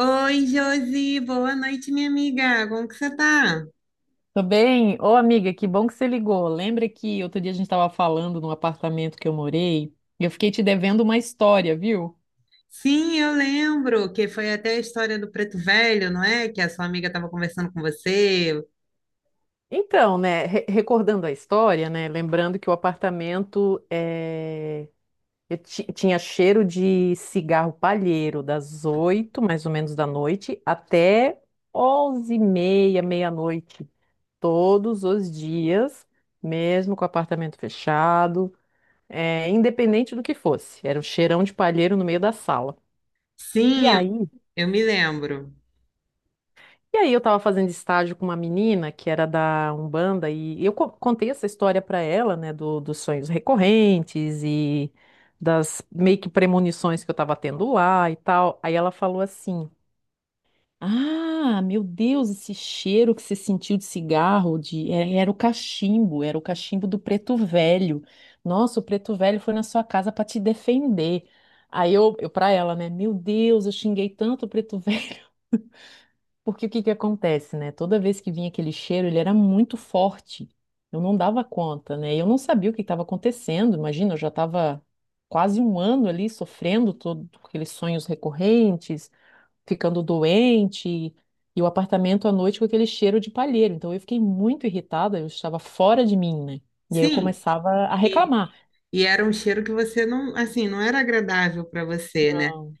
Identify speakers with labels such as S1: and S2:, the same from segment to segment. S1: Oi, Josi, boa noite, minha amiga. Como que você tá?
S2: Tudo bem? Ô, amiga, que bom que você ligou. Lembra que outro dia a gente estava falando no apartamento que eu morei? E eu fiquei te devendo uma história, viu?
S1: Sim, eu lembro que foi até a história do Preto Velho, não é? Que a sua amiga estava conversando com você.
S2: Então, né, recordando a história, né, lembrando que o apartamento eu tinha cheiro de cigarro palheiro das 8, mais ou menos, da noite até 11h30, meia-noite, todos os dias, mesmo com o apartamento fechado. É, independente do que fosse. Era um cheirão de palheiro no meio da sala. E
S1: Sim,
S2: aí?
S1: eu me lembro.
S2: E aí eu tava fazendo estágio com uma menina que era da Umbanda e eu contei essa história para ela, né, dos sonhos recorrentes e das meio que premonições que eu tava tendo lá e tal. Aí ela falou assim: "Ah, meu Deus, esse cheiro que você sentiu de cigarro, de era, era o cachimbo do preto velho. Nossa, o preto velho foi na sua casa para te defender." Aí eu para ela, né? Meu Deus, eu xinguei tanto o preto velho. Porque o que que acontece, né? Toda vez que vinha aquele cheiro, ele era muito forte. Eu não dava conta, né? Eu não sabia o que estava acontecendo. Imagina, eu já estava quase um ano ali sofrendo todo aqueles sonhos recorrentes, ficando doente, e o apartamento à noite com aquele cheiro de palheiro. Então eu fiquei muito irritada, eu estava fora de mim, né? E aí eu
S1: Sim,
S2: começava a
S1: e,
S2: reclamar.
S1: e era um cheiro que você não, assim, não era agradável para você, né?
S2: Não,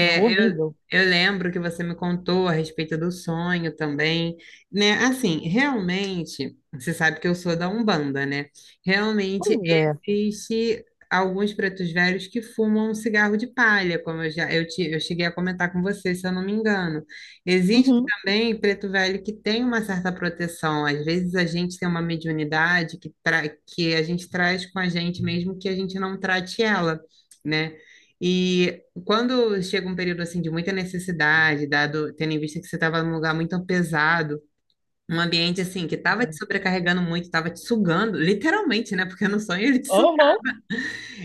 S2: não, horrível.
S1: eu lembro que você me contou a respeito do sonho também, né? Assim, realmente, você sabe que eu sou da Umbanda, né? Realmente
S2: Pois é.
S1: existe alguns pretos velhos que fumam um cigarro de palha, como eu já eu, te, eu cheguei a comentar com você, se eu não me engano. Existe
S2: Uhum.
S1: também preto velho que tem uma certa proteção. Às vezes a gente tem uma mediunidade que, que a gente traz com a gente, mesmo que a gente não trate ela, né? E quando chega um período assim de muita necessidade, dado tendo em vista que você estava num lugar muito pesado, um ambiente assim que estava te
S2: Uhum.
S1: sobrecarregando muito, estava te sugando, literalmente, né? Porque no sonho ele te suga.
S2: Aham.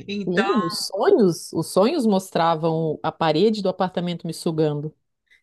S1: Então,
S2: Sim, os sonhos mostravam a parede do apartamento me sugando.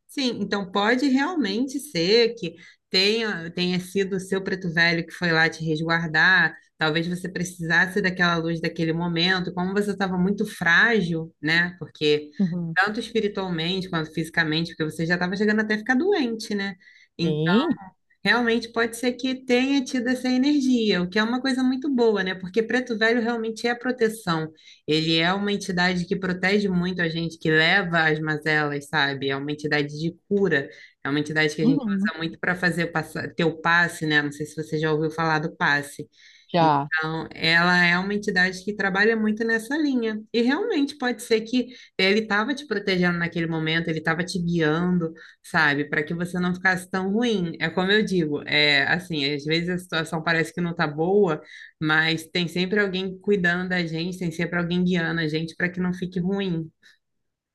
S1: sim, então pode realmente ser que tenha sido o seu preto velho que foi lá te resguardar. Talvez você precisasse daquela luz daquele momento, como você estava muito frágil, né? Porque
S2: Uhum.
S1: tanto espiritualmente quanto fisicamente, porque você já estava chegando até a ficar doente, né?
S2: Sim.
S1: Realmente pode ser que tenha tido essa energia, o que é uma coisa muito boa, né? Porque Preto Velho realmente é proteção. Ele é uma entidade que protege muito a gente, que leva as mazelas, sabe? É uma entidade de cura, é uma entidade que a gente
S2: Uhum.
S1: usa muito para fazer o ter o passe, né? Não sei se você já ouviu falar do passe.
S2: Já.
S1: Então, ela é uma entidade que trabalha muito nessa linha. E realmente pode ser que ele estava te protegendo naquele momento, ele estava te guiando sabe? Para que você não ficasse tão ruim. É como eu digo, é assim, às vezes a situação parece que não tá boa, mas tem sempre alguém cuidando da gente, tem sempre alguém guiando a gente para que não fique ruim.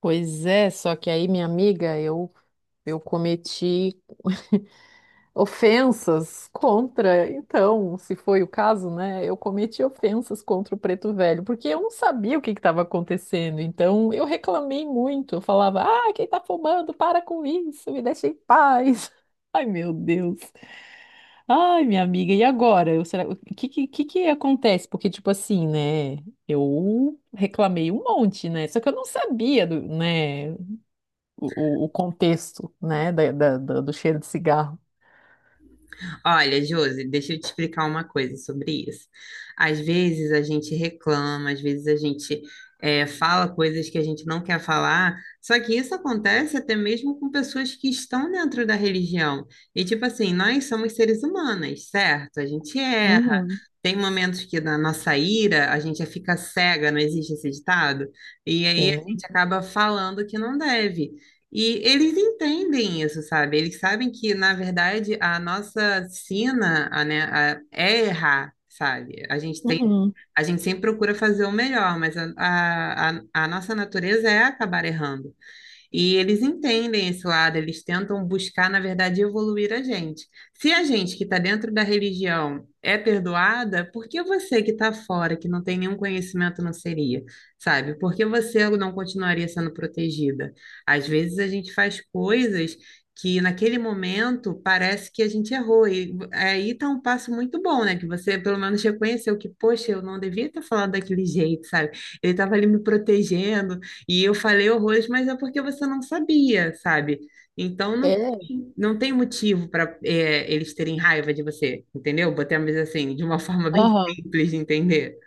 S2: Pois é, só que aí, minha amiga, eu cometi ofensas contra, então, se foi o caso, né? Eu cometi ofensas contra o Preto Velho, porque eu não sabia o que estava acontecendo. Então, eu reclamei muito. Eu falava: "Ah, quem tá fumando? Para com isso, me deixa em paz." Ai, meu Deus. Ai, minha amiga, e agora? Eu, será, o que que acontece? Porque, tipo assim, né? Eu reclamei um monte, né? Só que eu não sabia né, o, o contexto, né, do cheiro de cigarro.
S1: Olha, Josi, deixa eu te explicar uma coisa sobre isso. Às vezes a gente reclama, às vezes fala coisas que a gente não quer falar, só que isso acontece até mesmo com pessoas que estão dentro da religião. E, tipo assim, nós somos seres humanos, certo? A gente é.
S2: Uhum.
S1: Tem momentos que na nossa ira a gente fica cega, não existe esse ditado? E aí a
S2: Sim.
S1: gente acaba falando que não deve. E eles entendem isso, sabe? Eles sabem que, na verdade, a nossa sina, a, né, a- é errar, sabe?
S2: Uhum.
S1: A gente sempre procura fazer o melhor, mas a nossa natureza é acabar errando. E eles entendem esse lado, eles tentam buscar, na verdade, evoluir a gente. Se a gente que está dentro da religião é perdoada, por que você que está fora, que não tem nenhum conhecimento, não seria? Sabe? Por que você não continuaria sendo protegida? Às vezes a gente faz coisas que naquele momento parece que a gente errou. E aí está um passo muito bom, né? Que você pelo menos reconheceu que, poxa, eu não devia ter falado daquele jeito, sabe? Ele estava ali me protegendo, e eu falei horrores, mas é porque você não sabia, sabe? Então não,
S2: É.
S1: não tem motivo para eles terem raiva de você, entendeu? Botemos assim, de uma forma bem
S2: Aham.
S1: simples de entender.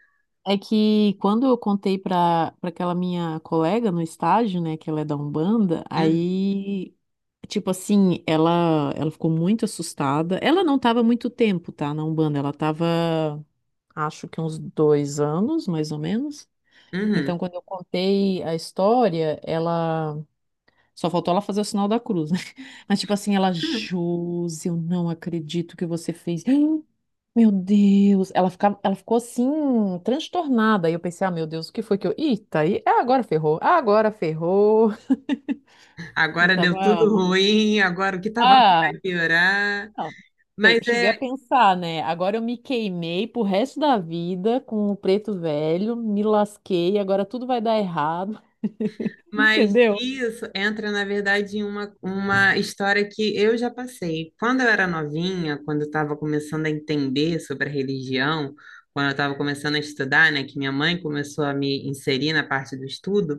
S2: É que quando eu contei para aquela minha colega no estágio, né, que ela é da Umbanda,
S1: Hum,
S2: aí, tipo assim, ela ficou muito assustada. Ela não tava muito tempo, tá, na Umbanda, ela tava, acho que uns 2 anos, mais ou menos.
S1: uhum.
S2: Então, quando eu contei a história, ela só faltou ela fazer o sinal da cruz, né? Mas tipo assim, ela, Josi, eu não acredito que você fez. Meu Deus, ela ficou assim, transtornada. E eu pensei, ah, meu Deus, o que foi que eu. Eita, aí, ah, agora ferrou, ah, agora ferrou. Eu
S1: Agora deu
S2: tava.
S1: tudo ruim, agora o que estava vindo
S2: Ah,
S1: vai piorar.
S2: não.
S1: Mas
S2: Cheguei a
S1: é.
S2: pensar, né? Agora eu me queimei pro resto da vida com o preto velho, me lasquei, agora tudo vai dar errado,
S1: Mas
S2: entendeu?
S1: isso entra, na verdade, em uma história que eu já passei. Quando eu era novinha, quando eu estava começando a entender sobre a religião, quando eu estava começando a estudar, né, que minha mãe começou a me inserir na parte do estudo,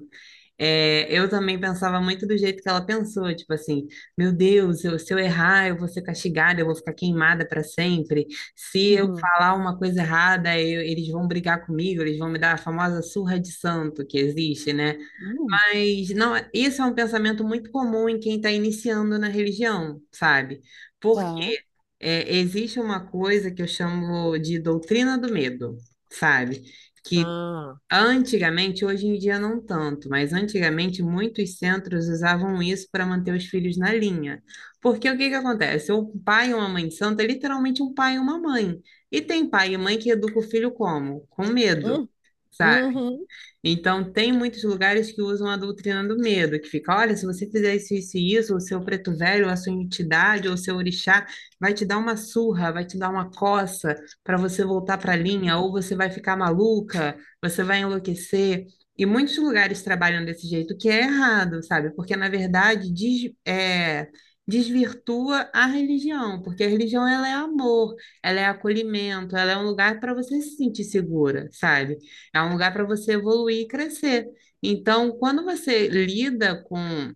S1: eu também pensava muito do jeito que ela pensou, tipo assim, meu Deus, se eu errar, eu vou ser castigada, eu vou ficar queimada para sempre. Se eu
S2: Uhum.
S1: falar uma coisa errada, eles vão brigar comigo, eles vão me dar a famosa surra de santo que existe, né?
S2: Hum,
S1: Mas não, isso é um pensamento muito comum em quem está iniciando na religião, sabe? Porque
S2: tá.
S1: Existe uma coisa que eu chamo de doutrina do medo, sabe? Que
S2: Ah.
S1: antigamente, hoje em dia não tanto, mas antigamente muitos centros usavam isso para manter os filhos na linha. Porque o que que acontece? O pai ou uma mãe santa é literalmente um pai e uma mãe. E tem pai e mãe que educa o filho como? Com medo.
S2: Hum,
S1: Sabe?
S2: uhum.
S1: Então, tem muitos lugares que usam a doutrina do medo, que fica, olha, se você fizer isso, isso e isso, o seu preto velho, a sua entidade, ou o seu orixá, vai te dar uma surra, vai te dar uma coça para você voltar para a linha, ou você vai ficar maluca, você vai enlouquecer. E muitos lugares trabalham desse jeito, que é errado, sabe? Porque, na verdade, desvirtua a religião, porque a religião ela é amor, ela é acolhimento, ela é um lugar para você se sentir segura, sabe? É um lugar para você evoluir e crescer. Então, quando você lida com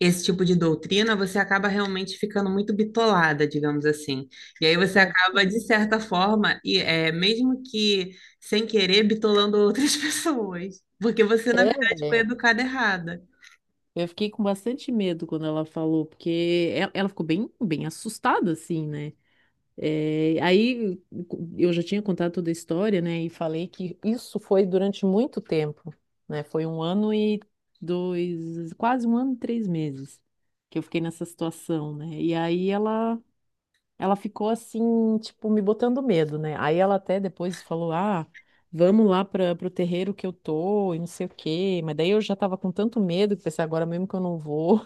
S1: esse tipo de doutrina, você acaba realmente ficando muito bitolada, digamos assim. E aí você
S2: Pode
S1: acaba,
S2: ser.
S1: de certa forma, mesmo que sem querer, bitolando outras pessoas. Porque você, na verdade, foi
S2: É.
S1: educada errada.
S2: Eu fiquei com bastante medo quando ela falou, porque ela ficou bem, bem assustada, assim, né? É, aí eu já tinha contado toda a história, né? E falei que isso foi durante muito tempo, né? Foi quase um ano e 3 meses que eu fiquei nessa situação, né? E aí ela, ficou assim, tipo, me botando medo, né? Aí ela até depois falou, ah, vamos lá para o terreiro que eu tô e não sei o quê. Mas daí eu já tava com tanto medo que pensei, agora mesmo que eu não vou.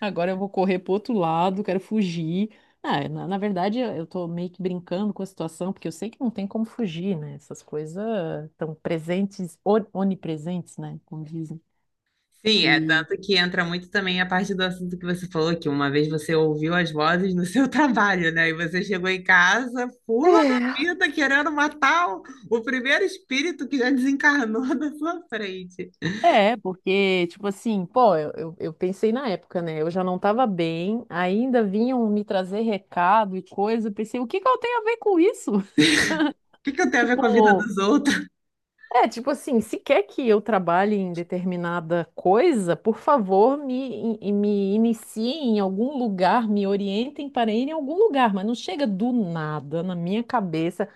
S2: Agora eu vou correr pro outro lado, quero fugir. Ah, na verdade, eu tô meio que brincando com a situação, porque eu sei que não tem como fugir, né? Essas coisas estão presentes, onipresentes, né? Como dizem.
S1: Sim, é
S2: E
S1: tanto que entra muito também a parte do assunto que você falou, que uma vez você ouviu as vozes no seu trabalho, né? E você chegou em casa, pula da
S2: é.
S1: vida, o primeiro espírito que já desencarnou da sua frente.
S2: É, porque, tipo assim, pô, eu pensei na época, né? Eu já não tava bem, ainda vinham me trazer recado e coisa. Eu pensei, o que que eu tenho a ver com isso?
S1: O que que eu tenho a ver com a vida
S2: Tipo.
S1: dos outros?
S2: É, tipo assim, se quer que eu trabalhe em determinada coisa, por favor, me iniciem em algum lugar, me orientem para ir em algum lugar, mas não chega do nada na minha cabeça.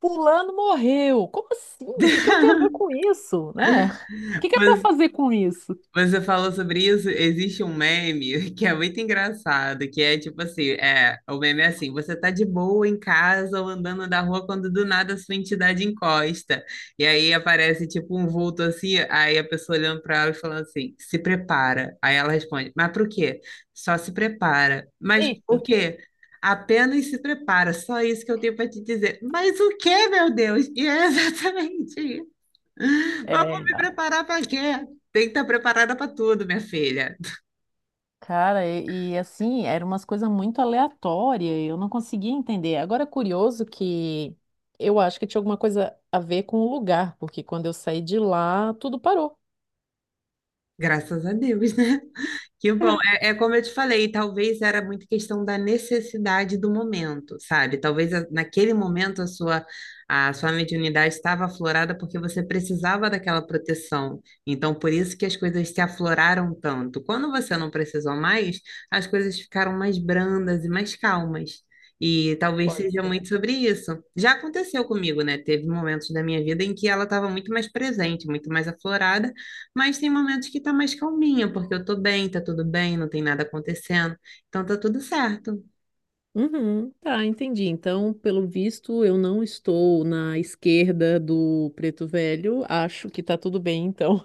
S2: Fulano morreu. Como assim? O que que eu tenho a ver com isso, né? O que que é para
S1: Mas
S2: fazer com isso?
S1: você falou sobre isso, existe um meme que é muito engraçado, que é tipo assim, o meme é assim, você tá de boa em casa ou andando na rua quando do nada sua entidade encosta. E aí aparece tipo um vulto assim, aí a pessoa olhando pra ela e falando assim, se prepara. Aí ela responde, mas pro quê? Só se prepara. Mas
S2: Eita.
S1: o quê? Apenas se prepara, só isso que eu tenho pra te dizer. Mas o quê, meu Deus? E é exatamente mas vou
S2: É.
S1: me preparar para quê? Tem que estar preparada para tudo, minha filha.
S2: Cara, assim, eram umas coisas muito aleatórias, eu não conseguia entender. Agora, é curioso que eu acho que tinha alguma coisa a ver com o lugar, porque quando eu saí de lá, tudo parou.
S1: Graças a Deus, né? Que bom. É, é como eu te falei, talvez era muito questão da necessidade do momento, sabe? Naquele momento a sua mediunidade estava aflorada porque você precisava daquela proteção. Então, por isso que as coisas se afloraram tanto. Quando você não precisou mais, as coisas ficaram mais brandas e mais calmas. E talvez
S2: Pode
S1: seja
S2: ser.
S1: muito sobre isso. Já aconteceu comigo, né? Teve momentos da minha vida em que ela estava muito mais presente, muito mais aflorada. Mas tem momentos que tá mais calminha, porque eu tô bem, tá tudo bem, não tem nada acontecendo. Então tá tudo certo.
S2: Uhum, tá, entendi. Então, pelo visto, eu não estou na esquerda do Preto Velho. Acho que tá tudo bem, então.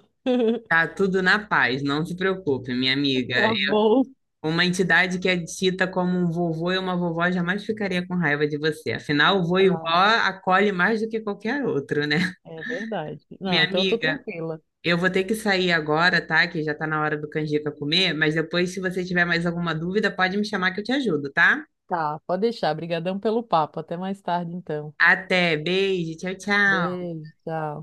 S1: Tá tudo na paz, não se preocupe, minha amiga.
S2: Tá bom.
S1: Uma entidade que é dita como um vovô e uma vovó jamais ficaria com raiva de você. Afinal, vô e vó
S2: Tá,
S1: acolhe mais do que qualquer outro, né?
S2: é verdade. Não,
S1: Minha
S2: então eu tô
S1: amiga,
S2: tranquila.
S1: eu vou ter que sair agora, tá? Que já tá na hora do canjica comer, mas depois, se você tiver mais alguma dúvida, pode me chamar que eu te ajudo, tá?
S2: Tá, pode deixar. Obrigadão pelo papo. Até mais tarde, então.
S1: Até, beijo, tchau, tchau.
S2: Beijo, tchau.